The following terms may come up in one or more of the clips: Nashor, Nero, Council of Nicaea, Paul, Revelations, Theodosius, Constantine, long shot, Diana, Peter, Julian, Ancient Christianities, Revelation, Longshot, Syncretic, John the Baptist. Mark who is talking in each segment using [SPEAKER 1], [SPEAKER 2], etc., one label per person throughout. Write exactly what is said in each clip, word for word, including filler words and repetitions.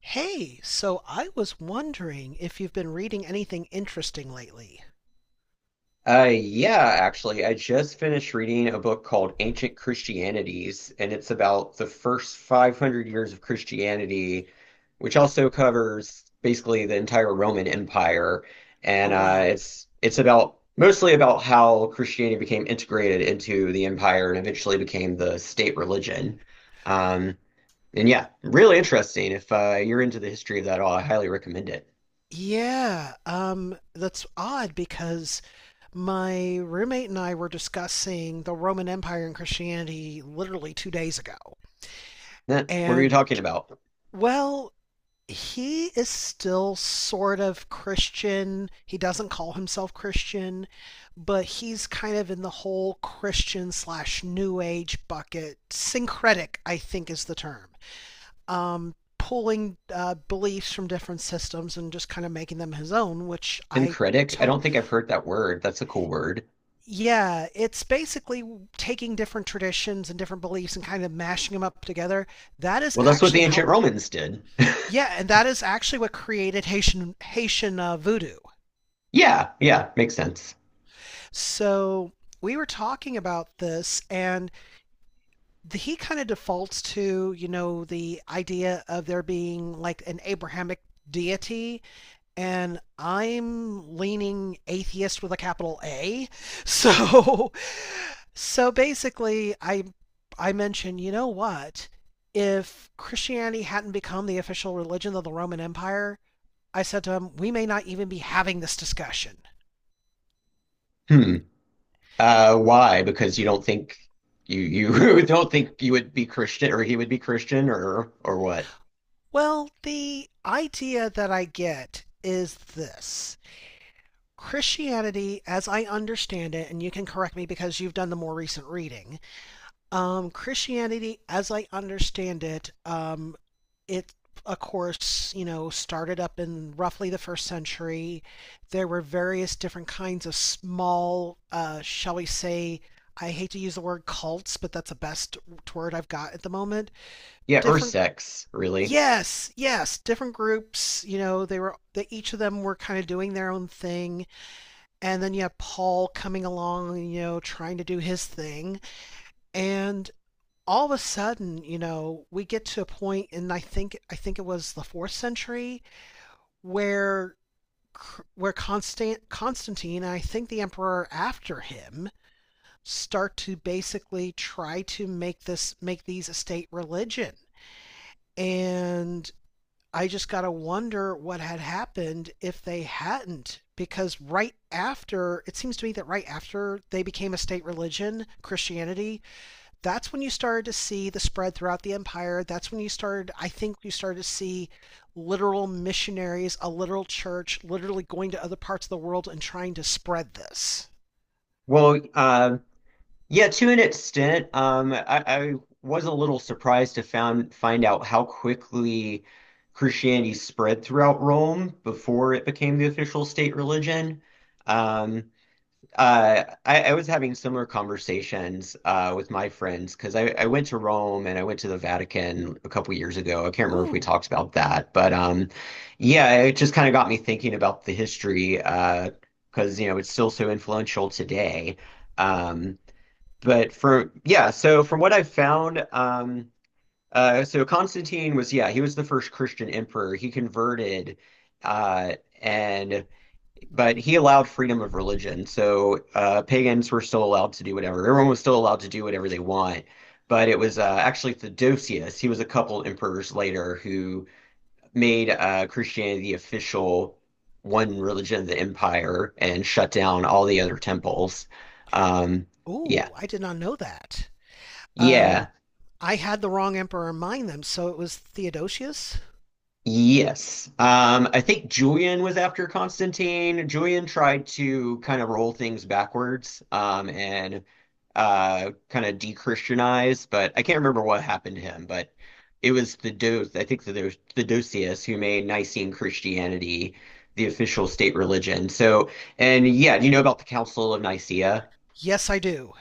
[SPEAKER 1] Hey, so I was wondering if you've been reading anything interesting lately.
[SPEAKER 2] Uh, yeah, actually, I just finished reading a book called Ancient Christianities, and it's about the first five hundred years of Christianity, which also covers basically the entire Roman Empire.
[SPEAKER 1] Oh,
[SPEAKER 2] And uh,
[SPEAKER 1] wow.
[SPEAKER 2] it's it's about mostly about how Christianity became integrated into the empire and eventually became the state religion. Um, and yeah, really interesting. If uh, you're into the history of that at all, I highly recommend it.
[SPEAKER 1] Yeah, um, that's odd because my roommate and I were discussing the Roman Empire and Christianity literally two days ago.
[SPEAKER 2] Nat, what are you
[SPEAKER 1] And,
[SPEAKER 2] talking about?
[SPEAKER 1] well, he is still sort of Christian. He doesn't call himself Christian, but he's kind of in the whole Christian slash New Age bucket. Syncretic, I think, is the term. Um, pulling uh, beliefs from different systems and just kind of making them his own, which I
[SPEAKER 2] Syncretic? I
[SPEAKER 1] to-
[SPEAKER 2] don't think I've heard that word. That's a cool word.
[SPEAKER 1] yeah, it's basically taking different traditions and different beliefs and kind of mashing them up together. That is
[SPEAKER 2] Well, that's what the
[SPEAKER 1] actually
[SPEAKER 2] ancient
[SPEAKER 1] how
[SPEAKER 2] Romans did.
[SPEAKER 1] yeah, and that is actually what created Haitian Haitian uh, voodoo.
[SPEAKER 2] Yeah, yeah, makes sense.
[SPEAKER 1] So we were talking about this, and the, he kind of defaults to you know the idea of there being like an Abrahamic deity, and I'm leaning atheist with a capital A. So so basically I I mentioned, you know what? If Christianity hadn't become the official religion of the Roman Empire, I said to him, we may not even be having this discussion.
[SPEAKER 2] Hmm. Uh, why? Because you don't think you you don't think you would be Christian or he would be Christian or or what?
[SPEAKER 1] Well, the idea that I get is this. Christianity, as I understand it, and you can correct me because you've done the more recent reading. Um, Christianity, as I understand it, um, it of course, you know, started up in roughly the first century. There were various different kinds of small, uh, shall we say, I hate to use the word cults, but that's the best word I've got at the moment.
[SPEAKER 2] Yeah, or
[SPEAKER 1] Different,
[SPEAKER 2] sex, really.
[SPEAKER 1] yes, yes, different groups. You know, they were that each of them were kind of doing their own thing, and then you have Paul coming along, you know, trying to do his thing, and all of a sudden, you know, we get to a point, and I think I think it was the fourth century where where Constant Constantine and I think the emperor after him start to basically try to make this make these a state religion. And I just got to wonder what had happened if they hadn't because right after, it seems to me that right after they became a state religion, Christianity, that's when you started to see the spread throughout the empire. That's when you started, I think you started to see literal missionaries, a literal church, literally going to other parts of the world and trying to spread this.
[SPEAKER 2] Well, uh, yeah, to an extent, um, I, I was a little surprised to found find out how quickly Christianity spread throughout Rome before it became the official state religion. Um, Uh, I, I was having similar conversations uh, with my friends because I, I went to Rome and I went to the Vatican a couple years ago. I can't remember if we
[SPEAKER 1] Ooh,
[SPEAKER 2] talked about that, but um, yeah, it just kind of got me thinking about the history uh, because you know it's still so influential today. Um, but for yeah, so from what I've found, um, uh, so Constantine was yeah, he was the first Christian emperor. He converted, uh, and but he allowed freedom of religion. So uh, pagans were still allowed to do whatever. Everyone was still allowed to do whatever they want. But it was uh, actually Theodosius. He was a couple emperors later who made uh, Christianity the official one religion of the empire and shut down all the other temples. Um, yeah.
[SPEAKER 1] ooh, I did not know that. Um,
[SPEAKER 2] Yeah.
[SPEAKER 1] I had the wrong emperor in mind then, so it was Theodosius?
[SPEAKER 2] Yes. Um, I think Julian was after Constantine. Julian tried to kind of roll things backwards, um, and uh, kind of de-Christianize, but I can't remember what happened to him. But it was the Do I think that there was Theodosius who made Nicene Christianity the official state religion. So, and yeah, do you know about the Council of Nicaea?
[SPEAKER 1] Yes, I do.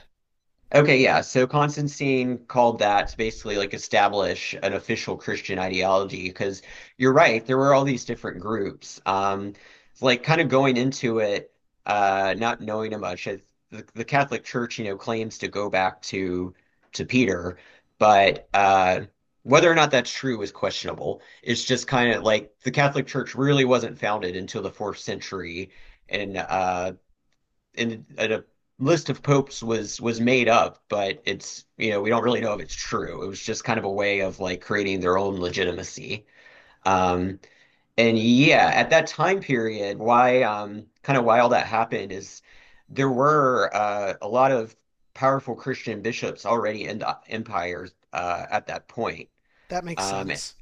[SPEAKER 2] Okay, yeah. So Constantine called that to basically like establish an official Christian ideology because you're right, there were all these different groups. Um, it's like kind of going into it, uh, not knowing much. It- The, the Catholic Church, you know, claims to go back to to Peter, but uh, whether or not that's true is questionable. It's just kind of like the Catholic Church really wasn't founded until the fourth century, and uh, in a a list of popes was was made up, but it's you know we don't really know if it's true. It was just kind of a way of like creating their own legitimacy. Um, and yeah, at that time period, why um, kind of why all that happened is there were uh, a lot of powerful Christian bishops already in the empires uh, at that point.
[SPEAKER 1] That makes
[SPEAKER 2] Um,
[SPEAKER 1] sense.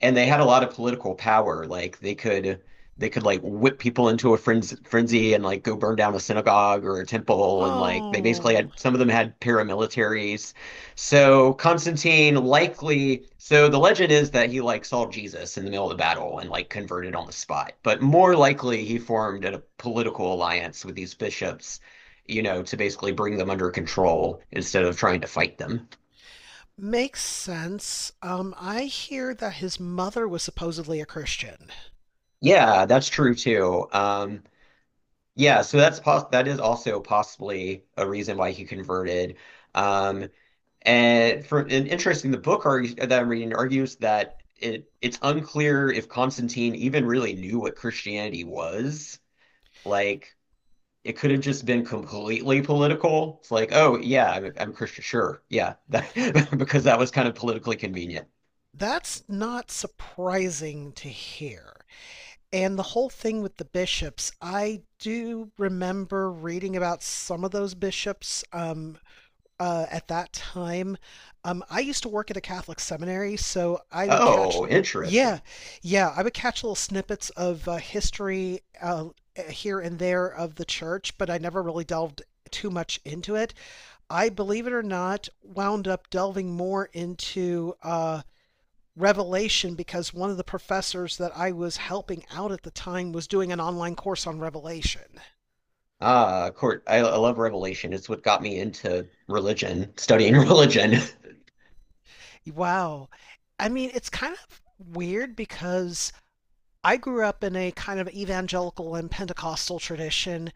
[SPEAKER 2] and they had a lot of political power. Like they could they could like whip people into a frenzy, frenzy and like go burn down a synagogue or a temple. And like they basically
[SPEAKER 1] Oh,
[SPEAKER 2] had some of them had paramilitaries. So Constantine likely so the legend is that he like saw Jesus in the middle of the battle and like converted on the spot. But more likely he formed a political alliance with these bishops. You know, to basically bring them under control instead of trying to fight them.
[SPEAKER 1] makes sense. Um, I hear that his mother was supposedly a Christian.
[SPEAKER 2] Yeah, that's true too. Um, Yeah, so that's pos that is also possibly a reason why he converted. Um, and for and interesting, the book argue, that I'm reading argues that it it's unclear if Constantine even really knew what Christianity was. Like it could have just been completely political. It's like, oh yeah, I'm, I'm Christian, sure, yeah, that, because that was kind of politically convenient.
[SPEAKER 1] That's not surprising to hear. And the whole thing with the bishops, I do remember reading about some of those bishops um, uh, at that time. Um, I used to work at a Catholic seminary, so I would catch,
[SPEAKER 2] Oh,
[SPEAKER 1] yeah,
[SPEAKER 2] interesting.
[SPEAKER 1] yeah, I would catch little snippets of uh, history uh, uh, here and there of the church, but I never really delved too much into it. I, believe it or not, wound up delving more into uh, Revelation because one of the professors that I was helping out at the time was doing an online course on Revelation.
[SPEAKER 2] Ah, court. I, I love Revelation. It's what got me into religion, studying religion.
[SPEAKER 1] Wow. I mean, it's kind of weird because I grew up in a kind of evangelical and Pentecostal tradition.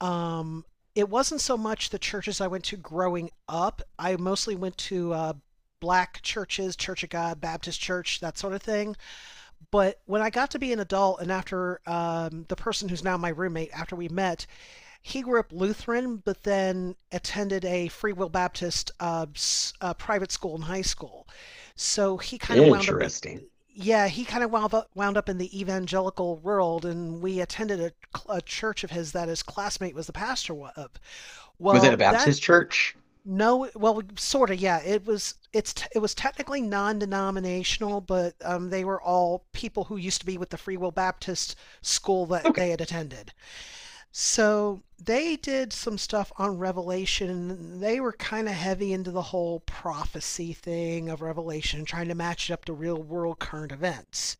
[SPEAKER 1] Um, it wasn't so much the churches I went to growing up. I mostly went to uh, black churches, Church of God, Baptist Church, that sort of thing. But when I got to be an adult, and after um, the person who's now my roommate, after we met, he grew up Lutheran, but then attended a Free Will Baptist uh, uh, private school in high school. So he kind of wound up at
[SPEAKER 2] Interesting.
[SPEAKER 1] yeah, he kind of wound up wound up in the evangelical world, and we attended a, a church of his that his classmate was the pastor of.
[SPEAKER 2] Was it a
[SPEAKER 1] Well, that
[SPEAKER 2] Baptist church?
[SPEAKER 1] no, well, sort of, yeah. It was it's it was technically non-denominational, but um, they were all people who used to be with the Free Will Baptist school that they
[SPEAKER 2] Okay.
[SPEAKER 1] had attended. So they did some stuff on Revelation. They were kind of heavy into the whole prophecy thing of Revelation, trying to match it up to real world current events.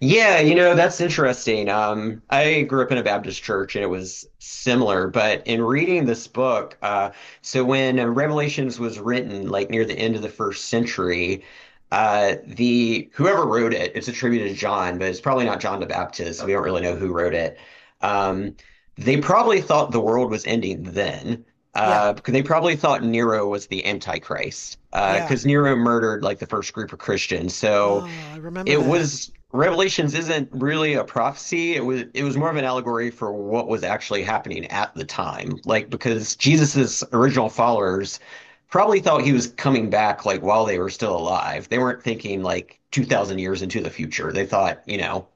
[SPEAKER 2] Yeah, you know, that's interesting. Um, I grew up in a Baptist church and it was similar, but in reading this book, uh, so when uh, Revelations was written, like near the end of the first century, uh, the whoever wrote it, it's attributed to John, but it's probably not John the Baptist. We don't really know who wrote it. Um, they probably thought the world was ending then.
[SPEAKER 1] Yeah,
[SPEAKER 2] Uh, because they probably thought Nero was the Antichrist, uh,
[SPEAKER 1] yeah.
[SPEAKER 2] because Nero murdered like the first group of Christians. So,
[SPEAKER 1] Uh, I remember
[SPEAKER 2] it
[SPEAKER 1] that.
[SPEAKER 2] was Revelations isn't really a prophecy. It was it was more of an allegory for what was actually happening at the time. Like because Jesus's original followers probably thought he was coming back like while they were still alive. They weren't thinking like two thousand years into the future. They thought, you know,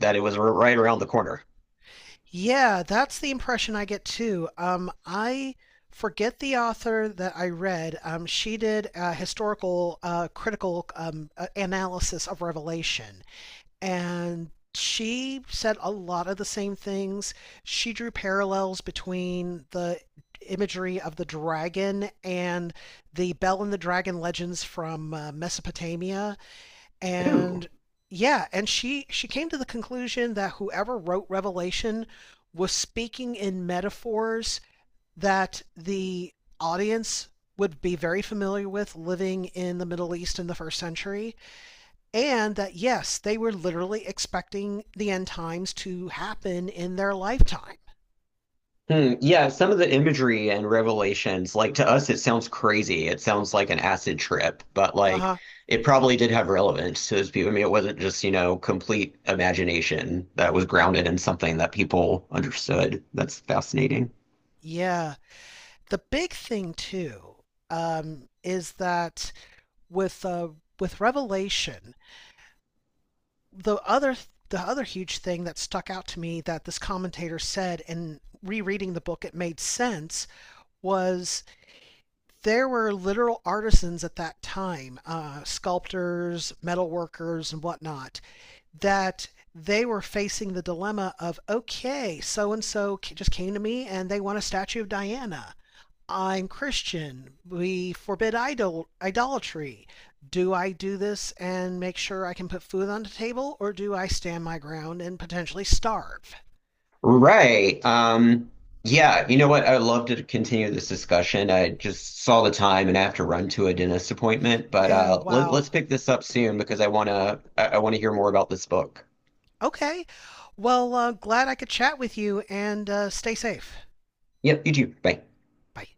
[SPEAKER 2] that it was r- right around the corner.
[SPEAKER 1] Yeah, that's the impression I get too. Um, I forget the author that I read. Um, she did a historical, uh, critical um, uh, analysis of Revelation, and she said a lot of the same things. She drew parallels between the imagery of the dragon and the Bell and the Dragon legends from uh, Mesopotamia,
[SPEAKER 2] Ooh.
[SPEAKER 1] and yeah, and she she came to the conclusion that whoever wrote Revelation was speaking in metaphors that the audience would be very familiar with living in the Middle East in the first century, and that yes, they were literally expecting the end times to happen in their lifetime.
[SPEAKER 2] Hmm, yeah, some of the imagery and revelations, like to us, it sounds crazy. It sounds like an acid trip, but
[SPEAKER 1] Uh
[SPEAKER 2] like
[SPEAKER 1] huh.
[SPEAKER 2] it probably did have relevance to those people. I mean, it wasn't just, you know, complete imagination that was grounded in something that people understood. That's fascinating.
[SPEAKER 1] Yeah. The big thing too um, is that with uh, with Revelation, the other the other huge thing that stuck out to me that this commentator said, and rereading the book, it made sense, was there were literal artisans at that time, uh, sculptors, metalworkers, and whatnot, that they were facing the dilemma of okay, so and so just came to me and they want a statue of Diana. I'm Christian. We forbid idol- idolatry. Do I do this and make sure I can put food on the table, or do I stand my ground and potentially starve?
[SPEAKER 2] Right. Um, yeah, you know what? I'd love to continue this discussion. I just saw the time and I have to run to a dentist appointment, but
[SPEAKER 1] Yeah,
[SPEAKER 2] uh, let, let's
[SPEAKER 1] wow.
[SPEAKER 2] pick this up soon because I wanna I, I wanna hear more about this book.
[SPEAKER 1] Okay. Well, uh, glad I could chat with you and uh, stay safe.
[SPEAKER 2] Yep, you too. Bye.
[SPEAKER 1] Bye.